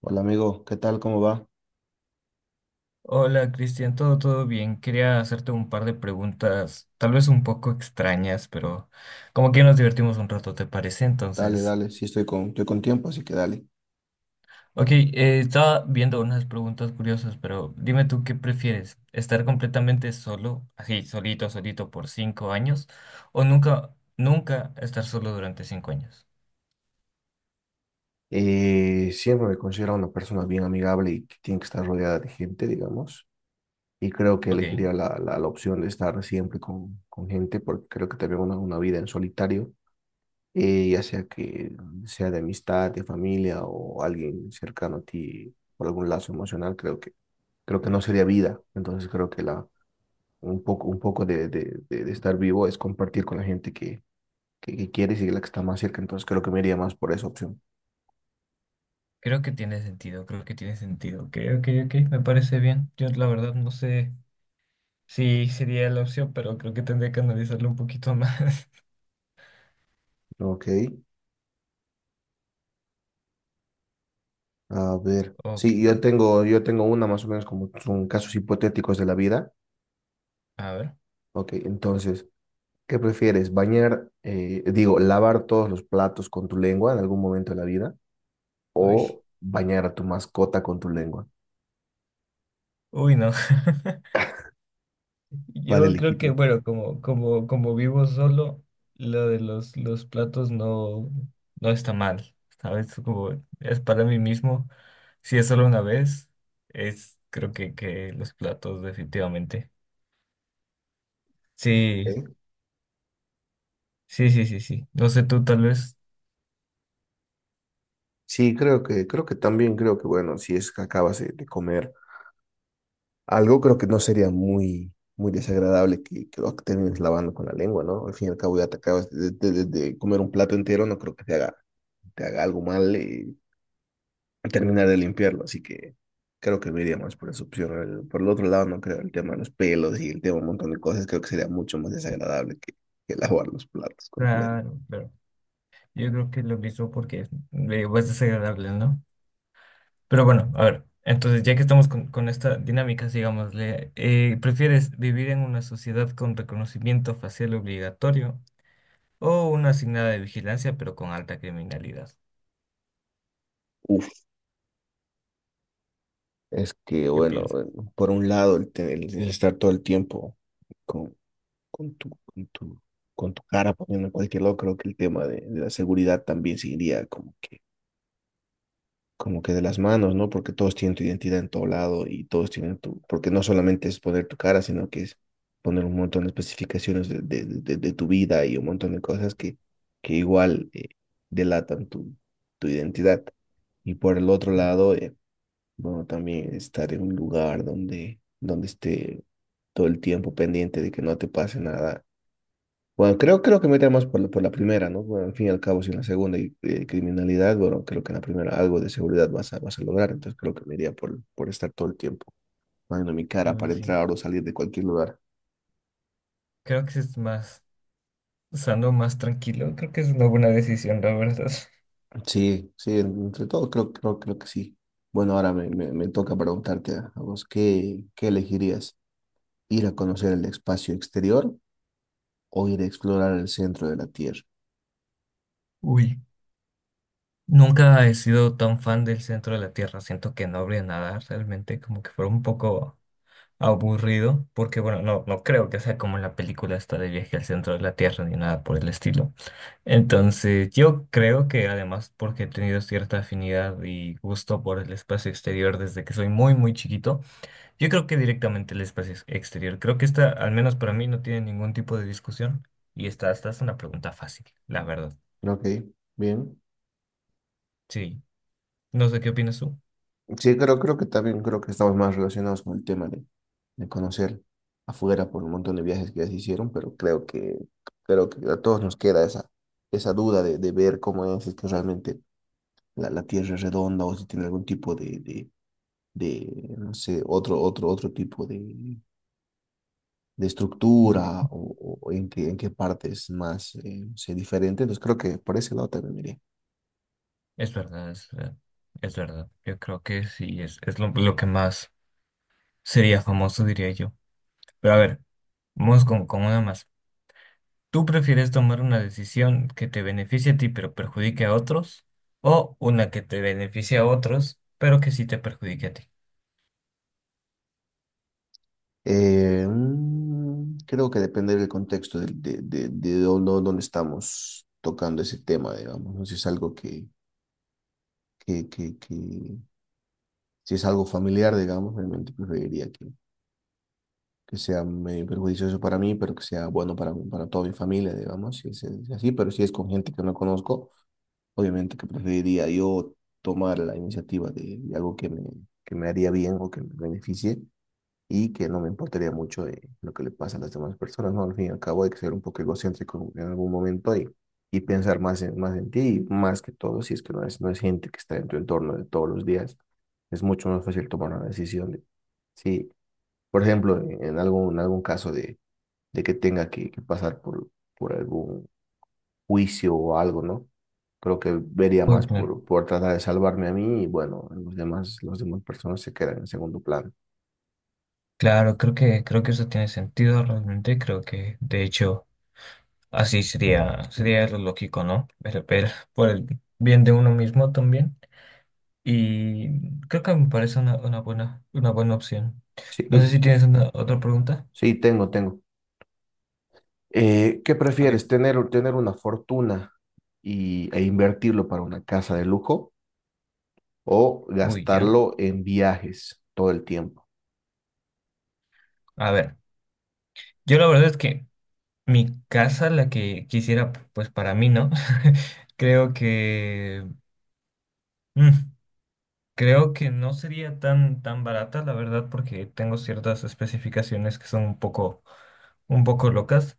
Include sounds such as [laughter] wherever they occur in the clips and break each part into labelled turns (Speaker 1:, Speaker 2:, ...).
Speaker 1: Hola amigo, ¿qué tal? ¿Cómo va?
Speaker 2: Hola Cristian, todo bien. Quería hacerte un par de preguntas, tal vez un poco extrañas, pero como que nos divertimos un rato, ¿te parece?
Speaker 1: Dale,
Speaker 2: Entonces,
Speaker 1: dale, sí estoy con tiempo, así que dale.
Speaker 2: ok, estaba viendo unas preguntas curiosas, pero dime tú qué prefieres, estar completamente solo, así, solito, solito por 5 años, o nunca, nunca estar solo durante 5 años.
Speaker 1: Siempre me considero una persona bien amigable y que tiene que estar rodeada de gente, digamos, y creo que
Speaker 2: Ok,
Speaker 1: elegiría la opción de estar siempre con gente, porque creo que también una vida en solitario, ya sea que sea de amistad, de familia o alguien cercano a ti por algún lazo emocional, creo que no sería vida, entonces creo que un poco de estar vivo es compartir con la gente que quieres y la que está más cerca, entonces creo que me iría más por esa opción.
Speaker 2: creo que tiene sentido, creo que tiene sentido. Ok, ok, ok, me parece bien. Yo la verdad no sé. Sí, sería la opción, pero creo que tendría que analizarlo un poquito más. [laughs]
Speaker 1: Ok, a ver.
Speaker 2: Ok,
Speaker 1: Sí, yo tengo una más o menos como son casos hipotéticos de la vida.
Speaker 2: a ver.
Speaker 1: Ok, entonces, ¿qué prefieres? ¿Bañar, digo, lavar todos los platos con tu lengua en algún momento de la vida
Speaker 2: Uy,
Speaker 1: o bañar a tu mascota con tu lengua?
Speaker 2: uy, no. [laughs]
Speaker 1: ¿Cuál
Speaker 2: Yo creo que,
Speaker 1: elegirías?
Speaker 2: bueno, como vivo solo, lo de los platos no, no está mal. ¿Sabes? Como es para mí mismo. Si es solo una vez, es creo que los platos, definitivamente. Sí,
Speaker 1: Ok.
Speaker 2: sí, sí, sí, sí. No sé tú, tal vez.
Speaker 1: Sí, creo que bueno, si es que acabas de comer. Algo creo que no sería muy desagradable que lo termines lavando con la lengua, ¿no? Al fin y al cabo ya te acabas de comer un plato entero, no creo que te haga algo mal y terminar de limpiarlo, así que creo que me iría más por esa opción. Por el otro lado, no creo el tema de los pelos y el tema de un montón de cosas, creo que sería mucho más desagradable que lavar los platos con la lengua.
Speaker 2: Claro, claro. Yo creo que lo mismo porque es desagradable, ¿no? Pero bueno, a ver, entonces ya que estamos con esta dinámica, digámosle, ¿prefieres vivir en una sociedad con reconocimiento facial obligatorio o una asignada de vigilancia pero con alta criminalidad?
Speaker 1: Uf, es que
Speaker 2: ¿Qué piensas?
Speaker 1: bueno, por un lado el estar todo el tiempo con, Con tu, con tu, con tu cara poniendo en cualquier lado, creo que el tema de la seguridad también se iría como que de las manos, ¿no? Porque todos tienen tu identidad en todo lado y todos tienen tu, porque no solamente es poner tu cara, sino que es poner un montón de especificaciones de tu vida y un montón de cosas que igual delatan tu, tu identidad. Y por el otro lado, bueno, también estar en un lugar donde, donde esté todo el tiempo pendiente de que no te pase nada. Bueno, creo que metemos por, por la primera, ¿no? Bueno, al fin y al cabo, si en la segunda hay criminalidad, bueno, creo que en la primera algo de seguridad vas a lograr, entonces creo que me iría por estar todo el tiempo poniendo mi cara
Speaker 2: Uy,
Speaker 1: para
Speaker 2: sí,
Speaker 1: entrar o salir de cualquier lugar.
Speaker 2: creo que es más sano, más tranquilo, creo que es una buena decisión, la verdad.
Speaker 1: Sí, sí, entre todo creo que sí. Bueno, me toca preguntarte a vos, ¿qué, qué elegirías? ¿Ir a conocer el espacio exterior o ir a explorar el centro de la Tierra?
Speaker 2: Uy, nunca he sido tan fan del centro de la Tierra, siento que no habría nada realmente, como que fuera un poco aburrido, porque bueno, no, no creo que sea como la película esta de viaje al centro de la Tierra ni nada por el estilo. Entonces, yo creo que además porque he tenido cierta afinidad y gusto por el espacio exterior desde que soy muy, muy chiquito, yo creo que directamente el espacio exterior. Creo que esta, al menos para mí, no tiene ningún tipo de discusión y esta es una pregunta fácil, la verdad.
Speaker 1: Ok, bien.
Speaker 2: Sí, no sé qué opinas tú.
Speaker 1: Sí, creo que también creo que estamos más relacionados con el tema de conocer afuera por un montón de viajes que ya se hicieron, pero creo que a todos nos queda esa duda de ver cómo es, si es que realmente la Tierra es redonda o si tiene algún tipo no sé, otro tipo de estructura o en qué parte es más no sé, diferente. Entonces creo que por ese lado también miré.
Speaker 2: Es verdad, es verdad, es verdad. Yo creo que sí, es lo que más sería famoso, diría yo. Pero a ver, vamos con una más. ¿Tú prefieres tomar una decisión que te beneficie a ti pero perjudique a otros? ¿O una que te beneficie a otros pero que sí te perjudique a ti?
Speaker 1: Creo que depende del contexto de dónde, dónde estamos tocando ese tema, digamos, ¿no? Si es algo que si es algo familiar, digamos, realmente preferiría que sea medio perjudicioso para mí, pero que sea bueno para toda mi familia, digamos, si es así, pero si es con gente que no conozco, obviamente que preferiría yo tomar la iniciativa de algo que me haría bien o que me beneficie y que no me importaría mucho de lo que le pasa a las demás personas, ¿no? Al fin y al cabo hay que ser un poco egocéntrico en algún momento y pensar más en, más en ti y más que todo, si es que no es, no es gente que está en tu entorno de todos los días, es mucho más fácil tomar una decisión. De, sí, por ejemplo, en, en algún caso de que tenga que pasar por algún juicio o algo, ¿no? Creo que vería
Speaker 2: Muy
Speaker 1: más
Speaker 2: claro.
Speaker 1: por tratar de salvarme a mí y bueno, los demás, las demás personas se quedan en segundo plano.
Speaker 2: Claro, creo que eso tiene sentido realmente. Creo que de hecho así sería, sería lo lógico, ¿no? Pero por el bien de uno mismo también. Y creo que me parece una buena opción.
Speaker 1: Sí,
Speaker 2: No sé si
Speaker 1: sí,
Speaker 2: tienes una, otra pregunta.
Speaker 1: sí, tengo, tengo. ¿Qué
Speaker 2: Ok.
Speaker 1: prefieres? Tener una fortuna e invertirlo para una casa de lujo o
Speaker 2: Uy, ya.
Speaker 1: gastarlo en viajes todo el tiempo?
Speaker 2: A ver. Yo la verdad es que mi casa, la que quisiera, pues para mí, ¿no? [laughs] Creo que... mm, creo que no sería tan barata, la verdad, porque tengo ciertas especificaciones que son un poco locas,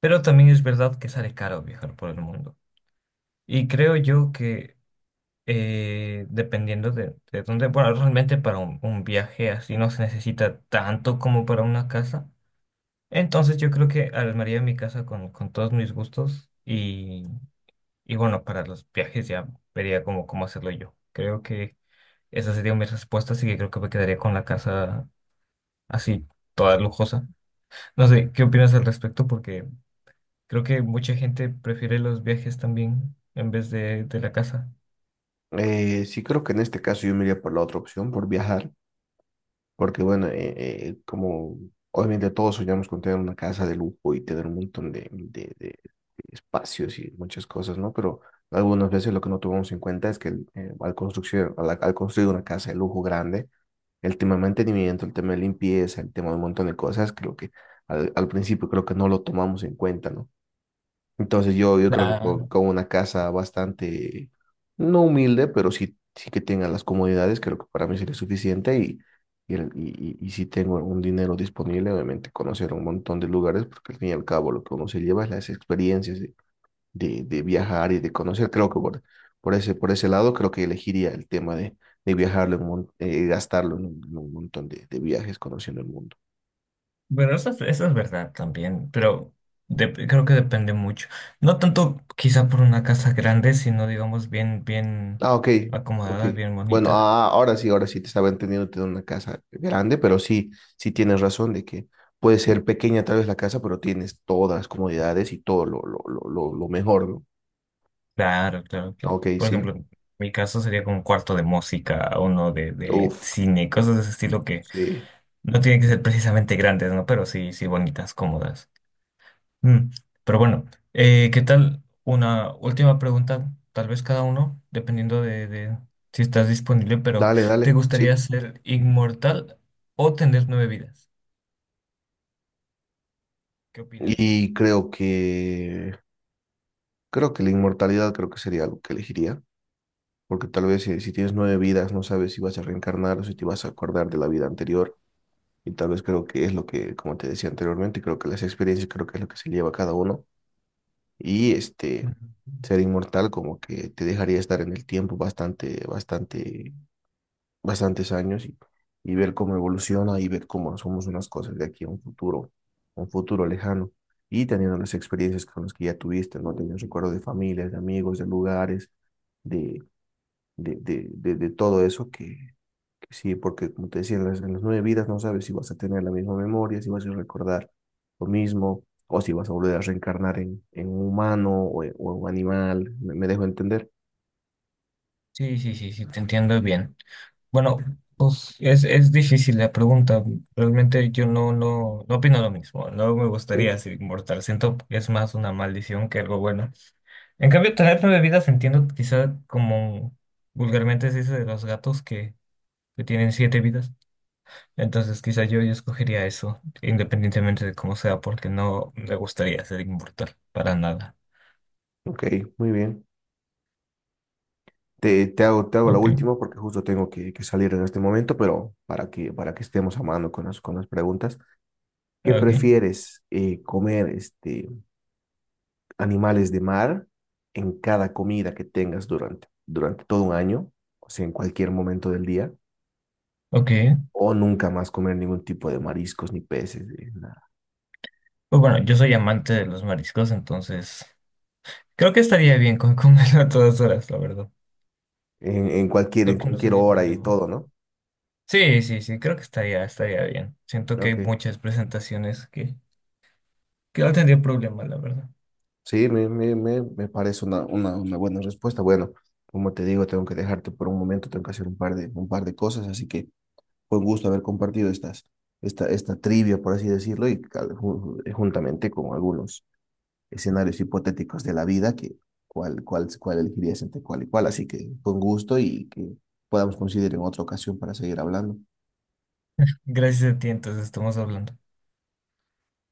Speaker 2: pero también es verdad que sale caro viajar por el mundo. Y creo yo que dependiendo de dónde, bueno, realmente para un viaje así no se necesita tanto como para una casa. Entonces yo creo que armaría mi casa con todos mis gustos. Y bueno, para los viajes ya vería cómo hacerlo yo. Creo que esa sería mi respuesta, así que creo que me quedaría con la casa así, toda lujosa. No sé, ¿qué opinas al respecto? Porque creo que mucha gente prefiere los viajes también en vez de la casa.
Speaker 1: Sí creo que en este caso yo me iría por la otra opción, por viajar, porque bueno, como obviamente todos soñamos con tener una casa de lujo y tener un montón de espacios y muchas cosas, ¿no? Pero algunas veces lo que no tomamos en cuenta es que al construcción, al construir una casa de lujo grande, el tema de mantenimiento, el tema de limpieza, el tema de un montón de cosas, creo que al principio creo que no lo tomamos en cuenta, ¿no? Entonces yo creo que
Speaker 2: Claro.
Speaker 1: con una casa bastante, no humilde, pero sí que tenga las comodidades, creo que para mí sería suficiente y, y si tengo un dinero disponible, obviamente conocer un montón de lugares, porque al fin y al cabo lo que uno se lleva es las experiencias de viajar y de conocer. Creo que por, por ese lado, creo que elegiría el tema de viajarlo, gastarlo en un montón de viajes conociendo el mundo.
Speaker 2: Bueno, eso, eso es verdad también, pero creo que depende mucho. No tanto quizá por una casa grande, sino digamos bien, bien
Speaker 1: Ah, ok, ok.
Speaker 2: acomodada, bien
Speaker 1: Bueno,
Speaker 2: bonita.
Speaker 1: ah, ahora sí te estaba entendiendo tener una casa grande, pero sí, sí tienes razón de que puede ser pequeña tal vez la casa, pero tienes todas las comodidades y todo lo mejor, ¿no?
Speaker 2: Claro, claro,
Speaker 1: Ah,
Speaker 2: claro.
Speaker 1: ok,
Speaker 2: Por
Speaker 1: sí.
Speaker 2: ejemplo, en mi caso sería como un cuarto de música, uno de
Speaker 1: Uf,
Speaker 2: cine, cosas de ese estilo que
Speaker 1: sí.
Speaker 2: no tienen que ser precisamente grandes, ¿no? Pero sí, sí bonitas, cómodas. Mm, pero bueno, ¿qué tal? Una última pregunta, tal vez cada uno, dependiendo de si estás disponible, pero
Speaker 1: Dale,
Speaker 2: ¿te
Speaker 1: dale,
Speaker 2: gustaría
Speaker 1: sí.
Speaker 2: ser inmortal o tener 9 vidas? ¿Qué opinas de eso?
Speaker 1: Y creo que la inmortalidad creo que sería algo que elegiría. Porque tal vez si, si tienes 9 vidas, no sabes si vas a reencarnar o si te vas a acordar de la vida anterior. Y tal vez creo que es lo que, como te decía anteriormente, creo que las experiencias creo que es lo que se lleva cada uno. Y este,
Speaker 2: Ujú.
Speaker 1: ser inmortal como que te dejaría estar en el tiempo bastantes años y ver cómo evoluciona y ver cómo somos unas cosas de aquí a un futuro lejano. Y teniendo las experiencias con las que ya tuviste, ¿no? Teniendo recuerdos de familias, de amigos, de lugares, de, de todo eso que, pues sí, porque como te decía, en las 9 vidas no sabes si vas a tener la misma memoria, si vas a recordar lo mismo, o si vas a volver a reencarnar en un humano o en un animal. Me dejo entender?
Speaker 2: Sí, sí, sí, sí, te entiendo bien. Bueno, pues es difícil la pregunta. Realmente yo no, no, no opino lo mismo. No me gustaría
Speaker 1: Sí,
Speaker 2: ser inmortal. Siento que es más una maldición que algo bueno. En cambio, tener 9 vidas entiendo quizá como vulgarmente se dice de los gatos que tienen 7 vidas. Entonces quizá yo, yo escogería eso, independientemente de cómo sea, porque no me gustaría ser inmortal para nada.
Speaker 1: ok, muy bien. Te hago la
Speaker 2: Ok,
Speaker 1: última porque justo tengo que salir en este momento, pero para que estemos a mano con las preguntas. ¿Qué
Speaker 2: ok,
Speaker 1: prefieres comer este, animales de mar en cada comida que tengas durante, durante todo 1 año? O sea, en cualquier momento del día
Speaker 2: ok.
Speaker 1: o nunca más comer ningún tipo de mariscos ni peces, nada.
Speaker 2: Pues bueno, yo soy amante de los mariscos, entonces... Creo que estaría bien con comerlo a todas horas, la verdad. Creo
Speaker 1: En
Speaker 2: que no
Speaker 1: cualquier
Speaker 2: sería
Speaker 1: hora y
Speaker 2: problema.
Speaker 1: todo, ¿no?
Speaker 2: Sí, sí, sí, creo que estaría, estaría bien. Siento que hay
Speaker 1: Ok.
Speaker 2: muchas presentaciones que no tendría problema, la verdad.
Speaker 1: Sí, me parece una buena respuesta. Bueno, como te digo, tengo que dejarte por un momento, tengo que hacer un par de cosas, así que fue un gusto haber compartido esta trivia, por así decirlo, y juntamente con algunos escenarios hipotéticos de la vida, que cuál elegirías entre cuál y cuál. Así que fue un gusto y que podamos coincidir en otra ocasión para seguir hablando.
Speaker 2: Gracias a ti, entonces estamos hablando.